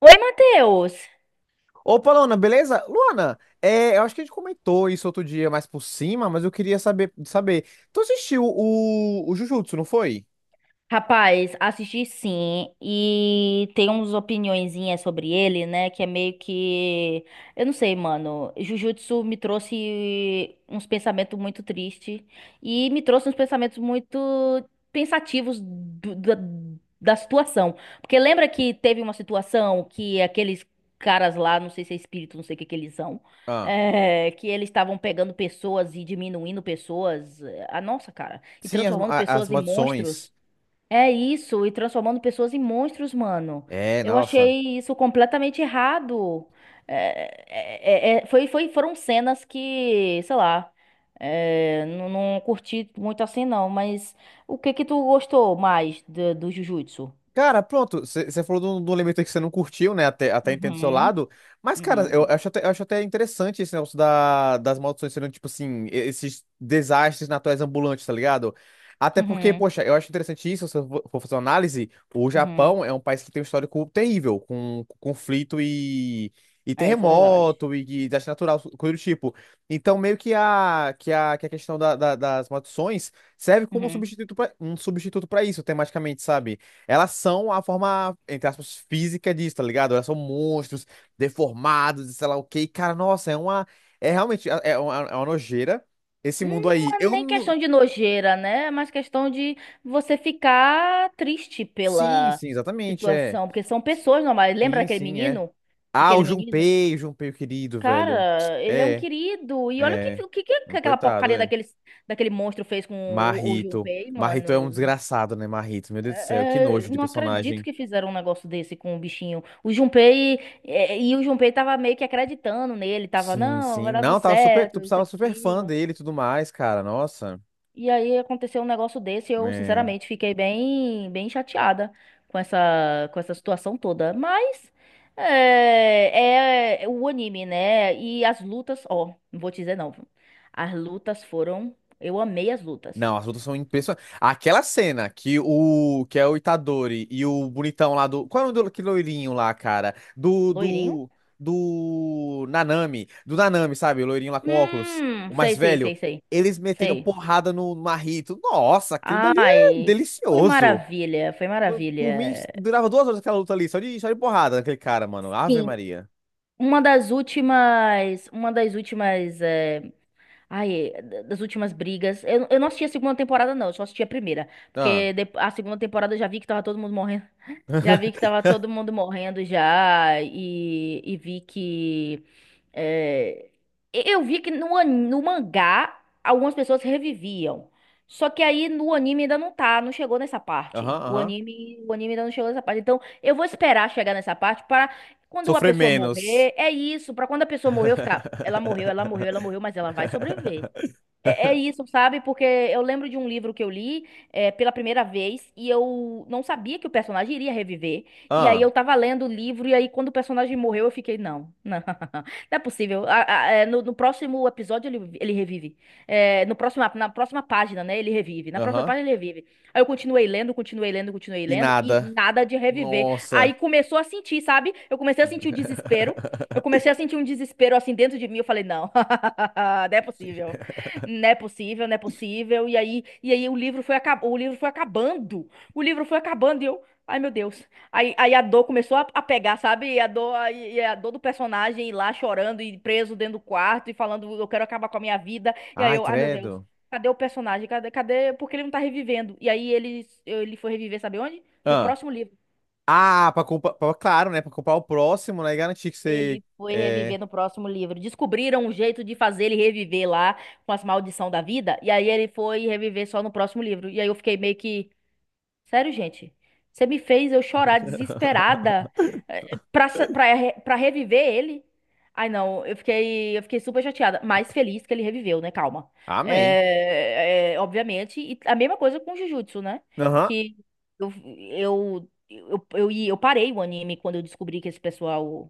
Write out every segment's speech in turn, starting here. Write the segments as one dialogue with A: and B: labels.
A: Oi, Matheus!
B: Opa, Luana, beleza? Luana, eu acho que a gente comentou isso outro dia mais por cima, mas eu queria saber. Tu assistiu o Jujutsu, não foi?
A: Rapaz, assisti sim, e tem umas opiniõezinhas sobre ele, né? Que é meio que. Eu não sei, mano. Jujutsu me trouxe uns pensamentos muito tristes. E me trouxe uns pensamentos muito pensativos da situação. Porque lembra que teve uma situação que aqueles caras lá, não sei se é espírito, não sei o que que eles são.
B: Ah,
A: É, que eles estavam pegando pessoas e diminuindo pessoas. Ah, nossa, cara. E
B: sim,
A: transformando
B: as
A: pessoas em
B: maldições.
A: monstros. É isso, e transformando pessoas em monstros, mano.
B: É,
A: Eu
B: nossa.
A: achei isso completamente errado. Foram cenas que, sei lá, não, não curti muito assim, não. Mas o que que tu gostou mais do Jujutsu?
B: Cara, pronto, você falou de um elemento aí que você não curtiu, né? Até entendo do seu
A: Uhum,
B: lado. Mas, cara,
A: uhum,
B: eu acho até interessante esse negócio das maldições sendo, tipo assim, esses desastres naturais ambulantes, tá ligado? Até porque,
A: uhum,
B: poxa, eu acho interessante isso, se eu for fazer uma análise, o
A: uhum.
B: Japão é um país que tem um histórico terrível, com conflito e
A: É isso, é verdade.
B: terremoto e desastre natural, coisa do tipo. Então, meio que a questão das maldições serve como
A: Uhum.
B: um substituto para isso, tematicamente, sabe? Elas são a forma, entre aspas, física disso, tá ligado? Elas são monstros, deformados, e sei lá o quê. E, cara, nossa, é uma. É realmente. É uma, é uma nojeira esse mundo
A: Não
B: aí.
A: é nem questão de nojeira, né? É mais questão de você ficar triste
B: Sim,
A: pela
B: sim, exatamente, é.
A: situação, porque são pessoas normais. Lembra
B: Sim,
A: daquele
B: sim, é.
A: menino?
B: Ah,
A: Aquele menino?
B: O Junpei querido, velho.
A: Cara, ele é um
B: É,
A: querido. E olha o que,
B: é.
A: o que, que aquela
B: Coitado,
A: porcaria
B: é.
A: daquele monstro fez com o
B: Marrito.
A: Junpei,
B: Marrito é um
A: mano.
B: desgraçado, né, Marrito? Meu Deus do céu, que nojo de
A: Não acredito
B: personagem.
A: que fizeram um negócio desse com o bichinho. O Junpei, é, e o Junpei tava meio que acreditando nele, tava,
B: Sim,
A: não, vai
B: sim.
A: dar tudo
B: Não, tava super.
A: certo,
B: Tu
A: isso
B: precisava super
A: aqui.
B: fã dele e tudo mais, cara. Nossa.
A: E aí aconteceu um negócio desse, e eu
B: É.
A: sinceramente fiquei bem chateada com essa situação toda. Mas é, é o anime, né? E as lutas, ó, não vou te dizer não. Viu? As lutas foram, eu amei as lutas.
B: Não, as lutas são impressionantes. Aquela cena que o que é o Itadori e o bonitão lá do. Qual é o nome do que loirinho lá, cara? Do,
A: Loirinho?
B: do. Do. Nanami. Do Nanami, sabe? O loirinho lá com óculos. O mais
A: Sei, sei,
B: velho.
A: sei, sei.
B: Eles metendo
A: Sei.
B: porrada no Marrito. Nossa, aquilo dali é
A: Ai, foi
B: delicioso.
A: maravilha, foi
B: Por
A: maravilha.
B: por mim, durava 2 horas aquela luta ali, só de porrada naquele cara, mano. Ave
A: Sim.
B: Maria.
A: Uma das últimas é, ai, é, das últimas brigas. Eu não assisti a segunda temporada, não. Eu só assisti a primeira.
B: Ah,
A: Porque a segunda temporada eu já vi que tava todo mundo morrendo. Já vi que tava todo mundo morrendo já. E vi que. é, eu vi que no mangá algumas pessoas reviviam. Só que aí no anime ainda não tá, não chegou nessa
B: aham,
A: parte.
B: aham.
A: O anime ainda não chegou nessa parte. Então eu vou esperar chegar nessa parte para quando a
B: Sofrer
A: pessoa
B: menos.
A: morrer, é isso. Pra quando a pessoa morrer, eu ficar, ela morreu, ela morreu, ela morreu, mas ela vai sobreviver. É, é isso, sabe? Porque eu lembro de um livro que eu li pela primeira vez e eu não sabia que o personagem iria reviver. E aí
B: Ah,
A: eu tava lendo o livro e aí quando o personagem morreu eu fiquei, não, não, não é possível. No próximo episódio ele, ele revive. É, no próximo, na próxima página, né, ele revive. Na próxima
B: aham.
A: página ele revive. Aí eu continuei lendo, continuei lendo, continuei
B: E
A: lendo e
B: nada.
A: nada de reviver. Aí
B: Nossa.
A: começou a sentir, sabe? Eu comecei a sentir o desespero. Eu comecei a sentir um desespero assim dentro de mim. Eu falei, não, não é possível, não é possível, não é possível. E aí o livro foi acabando, o livro foi acabando. O livro foi acabando e eu, ai meu Deus. Aí a dor começou a pegar, sabe? E a dor, e a dor do personagem ir lá chorando e preso dentro do quarto e falando, eu quero acabar com a minha vida. E aí
B: Ai,
A: eu, ai meu Deus.
B: credo.
A: Cadê o personagem? Cadê, cadê? Porque ele não tá revivendo. E aí ele foi reviver, sabe onde? No
B: Ah,
A: próximo livro.
B: claro, né? Pra culpar o próximo, né? E garantir que você.
A: Ele foi
B: É.
A: reviver no próximo livro. Descobriram um jeito de fazer ele reviver lá com as maldição da vida. E aí ele foi reviver só no próximo livro. E aí eu fiquei meio que. Sério, gente? Você me fez eu chorar desesperada eh, pra, sa- pra, re- pra reviver ele? Ai, não, eu fiquei super chateada, mas feliz que ele reviveu, né? Calma.
B: Amém.
A: É, obviamente. E a mesma coisa com o Jujutsu, né?
B: Aham.
A: Que eu, eu parei o anime quando eu descobri que esse pessoal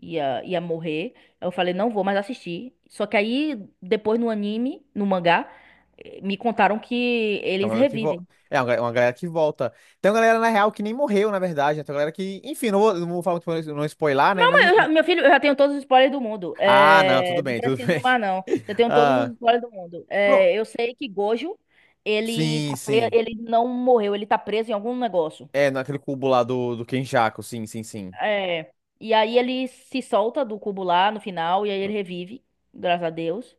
A: ia morrer. Eu falei, não vou mais assistir. Só que aí, depois no anime, no mangá, me contaram que
B: Tem
A: eles
B: uma galera que volta.
A: revivem.
B: É, uma galera que volta. Tem uma galera, na real, que nem morreu, na verdade. Né? Tem uma galera que. Enfim, não vou falar muito pra não spoilar, né? Mas,
A: Mas eu meu filho, eu já tenho todos os spoilers do mundo.
B: ah, não, tudo
A: É, não
B: bem, tudo
A: preciso
B: bem.
A: mais, não. Eu tenho todos os
B: Ah,
A: spoilers do mundo.
B: pronto.
A: É, eu sei que Gojo, ele
B: Sim, sim.
A: ele não morreu, ele tá preso em algum negócio.
B: É, naquele cubo lá do Kenjaku, sim, sim, sim.
A: É. E aí ele se solta do cubo lá no final, e aí ele revive, graças a Deus.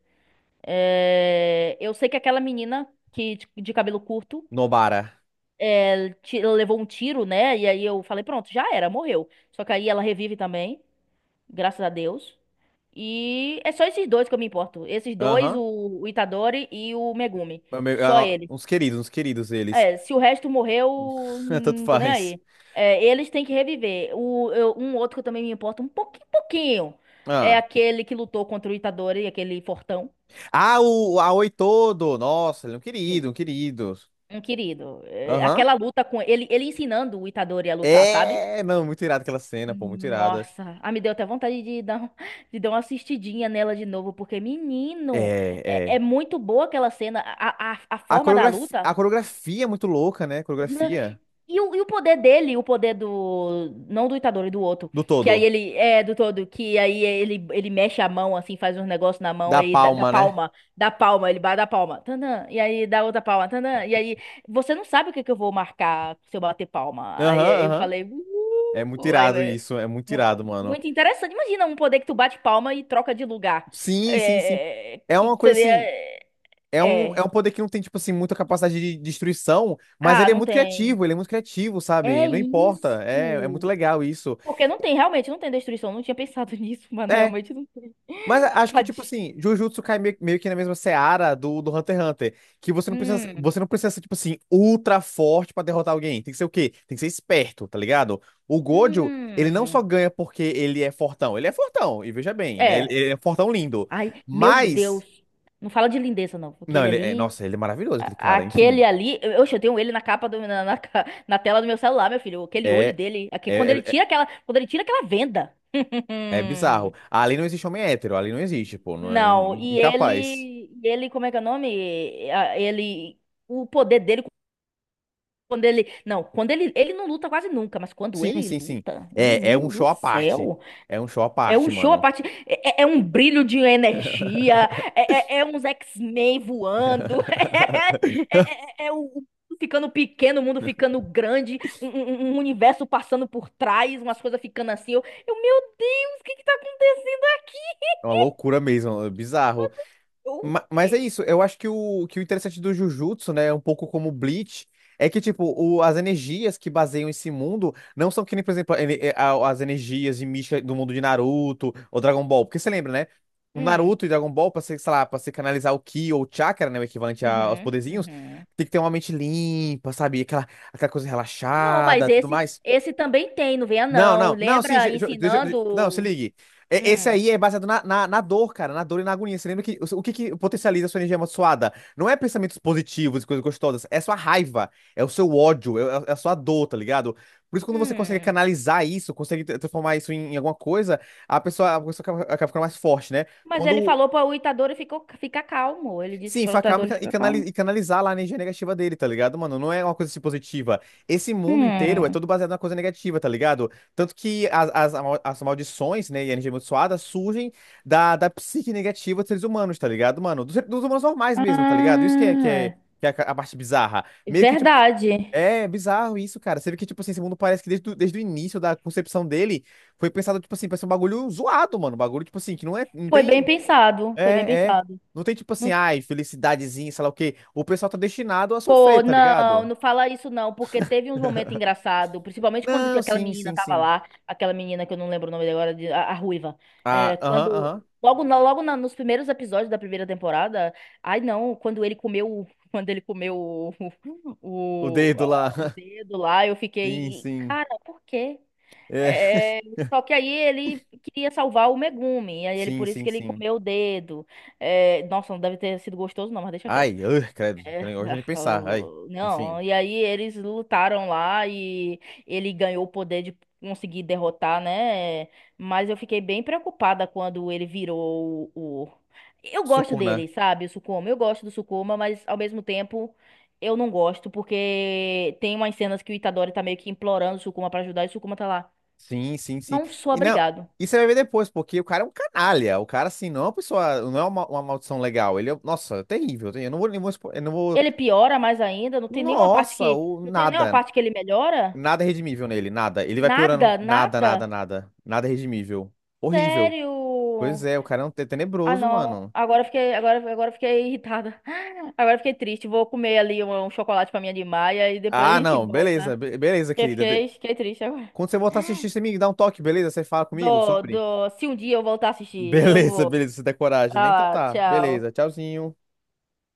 A: É, eu sei que aquela menina que, de cabelo curto
B: Nobara.
A: Ela levou um tiro, né? E aí eu falei, pronto, já era, morreu. Só que aí ela revive também, graças a Deus. E é só esses dois que eu me importo. Esses dois,
B: Aham.
A: o Itadori e o Megumi. Só eles.
B: Uns queridos eles.
A: É, se o resto morreu,
B: Tanto
A: não tô nem
B: faz.
A: aí. É, eles têm que reviver. Um outro que eu também me importo um pouquinho, pouquinho. É
B: Ah,
A: aquele que lutou contra o Itadori, aquele fortão.
B: ah o Aoi todo. Nossa, ele é um
A: Sim,
B: querido, um querido.
A: um querido. É,
B: Aham.
A: aquela luta com ele, ele ensinando o Itadori a lutar, sabe?
B: É, não, muito irada aquela cena, pô, muito irada.
A: Nossa, ah, me deu até vontade de dar, de dar uma assistidinha nela de novo, porque,
B: É,
A: menino, é
B: é.
A: muito boa aquela cena, a forma da
B: A
A: luta.
B: coreografia é muito louca, né? A
A: Né,
B: coreografia
A: e e o poder dele, o poder do. Não do Itadori, do outro.
B: do
A: Que aí
B: todo.
A: ele. É, do todo. Que aí ele mexe a mão, assim, faz uns negócios na mão,
B: Da
A: aí da dá
B: palma, né?
A: palma. Da palma, ele bate a palma. Tandan, e aí dá outra palma. Tandan, e aí. Você não sabe que eu vou marcar se eu bater palma.
B: Aham,
A: Aí eu
B: aham.
A: falei.
B: É muito
A: Aí,
B: irado
A: é,
B: isso, é muito irado, mano.
A: muito interessante. Imagina um poder que tu bate palma e troca de lugar.
B: Sim, sim, sim.
A: É,
B: É
A: que
B: uma coisa
A: seria.
B: assim,
A: É.
B: é
A: É,
B: um poder que não tem, tipo assim, muita capacidade de destruição, mas
A: ah,
B: ele é
A: não
B: muito
A: tem.
B: criativo, ele é muito criativo, sabe?
A: É
B: Não
A: isso.
B: importa, é muito legal isso.
A: Porque não tem, realmente não tem destruição. Não tinha pensado nisso, mas
B: É,
A: realmente não tem.
B: mas acho que, tipo
A: Tadinho.
B: assim, Jujutsu cai meio que na mesma seara do Hunter x Hunter, que
A: Hum,
B: você não precisa ser, tipo assim, ultra forte pra derrotar alguém. Tem que ser o quê? Tem que ser esperto, tá ligado? O Gojo, ele não só
A: hum.
B: ganha porque ele é fortão, e veja bem, né?
A: É.
B: Ele é fortão lindo.
A: Ai, meu
B: Mas
A: Deus. Não fala de lindeza, não. Porque
B: não,
A: ele
B: ele é.
A: ali.
B: Nossa, ele é maravilhoso, aquele cara.
A: Aquele
B: Enfim.
A: ali. Oxe, eu tenho ele na capa do, na, na, ca- na tela do meu celular, meu filho. Aquele olho
B: É.
A: dele.
B: É,
A: Quando ele
B: é, é
A: tira aquela, quando ele tira aquela venda.
B: é bizarro.
A: Hum.
B: Ali não existe homem hétero, ali não existe, pô. Não é
A: Não, e ele.
B: incapaz.
A: E ele, como é que é o nome? Ah, ele. O poder dele. Quando ele. Não, quando ele. Ele não luta quase nunca, mas quando
B: Sim,
A: ele
B: sim, sim.
A: luta,
B: É, é um
A: menino do
B: show à parte.
A: céu.
B: É um show à
A: É um
B: parte,
A: show a
B: mano.
A: parte. É, é um brilho de energia. Uns X-Men voando. O. o mundo ficando pequeno, o mundo ficando grande, um universo passando por trás, umas coisas ficando assim. Meu Deus, o que que tá acontecendo aqui?
B: É uma loucura mesmo, é bizarro.
A: Eu-
B: Mas é
A: é,
B: isso, eu acho que o interessante do Jujutsu, né, é um pouco como o Bleach, é que, tipo, as energias que baseiam esse mundo não são que nem, por exemplo, as energias de mística do mundo de Naruto ou Dragon Ball, porque você lembra, né? O
A: hum,
B: Naruto e Dragon Ball, pra você canalizar o Ki ou o Chakra, né, o equivalente aos
A: uhum,
B: poderzinhos,
A: uhum.
B: tem que ter uma mente limpa, sabe? Aquela, aquela coisa
A: Não, mas
B: relaxada, tudo mais.
A: esse também tem, não venha
B: Não,
A: não.
B: não, não, sim,
A: Lembra
B: não, se
A: ensinando.
B: ligue. Esse
A: Hum,
B: aí é baseado na dor, cara, na dor e na agonia. Você lembra que que potencializa a sua energia amaldiçoada? Não é pensamentos positivos e coisas gostosas, é sua raiva, é o seu ódio, é a sua dor, tá ligado? Por isso, quando você consegue
A: hum.
B: canalizar isso, consegue transformar isso em, em alguma coisa, a pessoa acaba ficando mais forte, né?
A: Mas ele
B: Quando
A: falou para o Itadori ficou, ficar calmo. Ele disse
B: sim,
A: que para o
B: enfacar e
A: Itadori
B: cana- e
A: ficar
B: canali-
A: calmo.
B: e canalizar lá a energia negativa dele, tá ligado, mano? Não é uma coisa assim, positiva. Esse mundo inteiro é
A: Hum.
B: todo baseado na coisa negativa, tá ligado? Tanto que as maldições, né, e a energia amaldiçoada surgem da psique negativa dos seres humanos, tá ligado, mano? Dos humanos normais mesmo, tá ligado? Isso que
A: Ah,
B: que é a parte bizarra. Meio que, tipo,
A: verdade.
B: é bizarro isso, cara. Você vê que, tipo assim, esse mundo parece que desde o início da concepção dele foi pensado, tipo assim, pra ser um bagulho zoado, mano. Um bagulho, tipo assim, que não é, não
A: Foi bem
B: tem.
A: pensado. Foi bem
B: É, é.
A: pensado.
B: Não tem tipo assim,
A: Não.
B: ai, felicidadezinha, sei lá o quê. O pessoal tá destinado a sofrer,
A: Pô,
B: tá
A: não,
B: ligado?
A: não fala isso não, porque teve uns momentos engraçados, principalmente quando
B: Não,
A: tinha aquela
B: sim,
A: menina
B: sim,
A: tava
B: sim.
A: lá, aquela menina que eu não lembro o nome dela agora, a Ruiva.
B: Ah,
A: É,
B: aham, aham.
A: quando nos primeiros episódios da primeira temporada, ai não, quando ele comeu, quando ele comeu
B: O dedo lá.
A: o dedo lá, eu
B: Sim,
A: fiquei,
B: sim.
A: cara, por quê?
B: É,
A: É, só que aí ele queria salvar o Megumi, e aí ele
B: sim,
A: por isso
B: sim,
A: que ele
B: sim.
A: comeu o dedo. É, nossa, não deve ter sido gostoso não, mas deixa quieto.
B: Ai, ugh, credo. Credo, hoje é de pensar. Ai, enfim.
A: Não, e aí eles lutaram lá e ele ganhou o poder de conseguir derrotar, né? Mas eu fiquei bem preocupada quando ele virou eu gosto
B: Sukuna.
A: dele, sabe, o Sukuma. Eu gosto do Sukuma, mas ao mesmo tempo eu não gosto, porque tem umas cenas que o Itadori tá meio que implorando o Sukuma pra ajudar e o Sukuma tá lá.
B: Sim, sim, sim.
A: Não sou
B: E não,
A: obrigado.
B: isso você vai ver depois, porque o cara é um canalha. O cara, assim, não é uma pessoa, não é uma maldição legal. Ele é, nossa, terrível. Terrível. Eu não vou,
A: Ele piora mais ainda, não tem nenhuma parte
B: nossa,
A: que.
B: o
A: Não tem nenhuma
B: nada,
A: parte que ele melhora?
B: nada é redimível nele, nada. Ele vai piorando.
A: Nada,
B: Nada, nada,
A: nada.
B: nada. Nada é redimível. Horrível. Pois
A: Sério.
B: é, o cara é um
A: Ah,
B: tenebroso,
A: não.
B: mano.
A: Agora eu fiquei, agora, agora eu fiquei irritada. Agora eu fiquei triste. Vou comer ali um chocolate pra minha de maia e depois a
B: Ah,
A: gente
B: não, beleza,
A: volta.
B: beleza,
A: Eu
B: querida. De-
A: fiquei, fiquei triste agora.
B: quando você voltar a assistir, você me dá um toque, beleza? Você fala comigo sobre?
A: Se um dia eu voltar a assistir, eu
B: Beleza,
A: vou.
B: beleza, você tem coragem, né?
A: Pra
B: Então
A: lá,
B: tá,
A: tchau.
B: beleza, tchauzinho.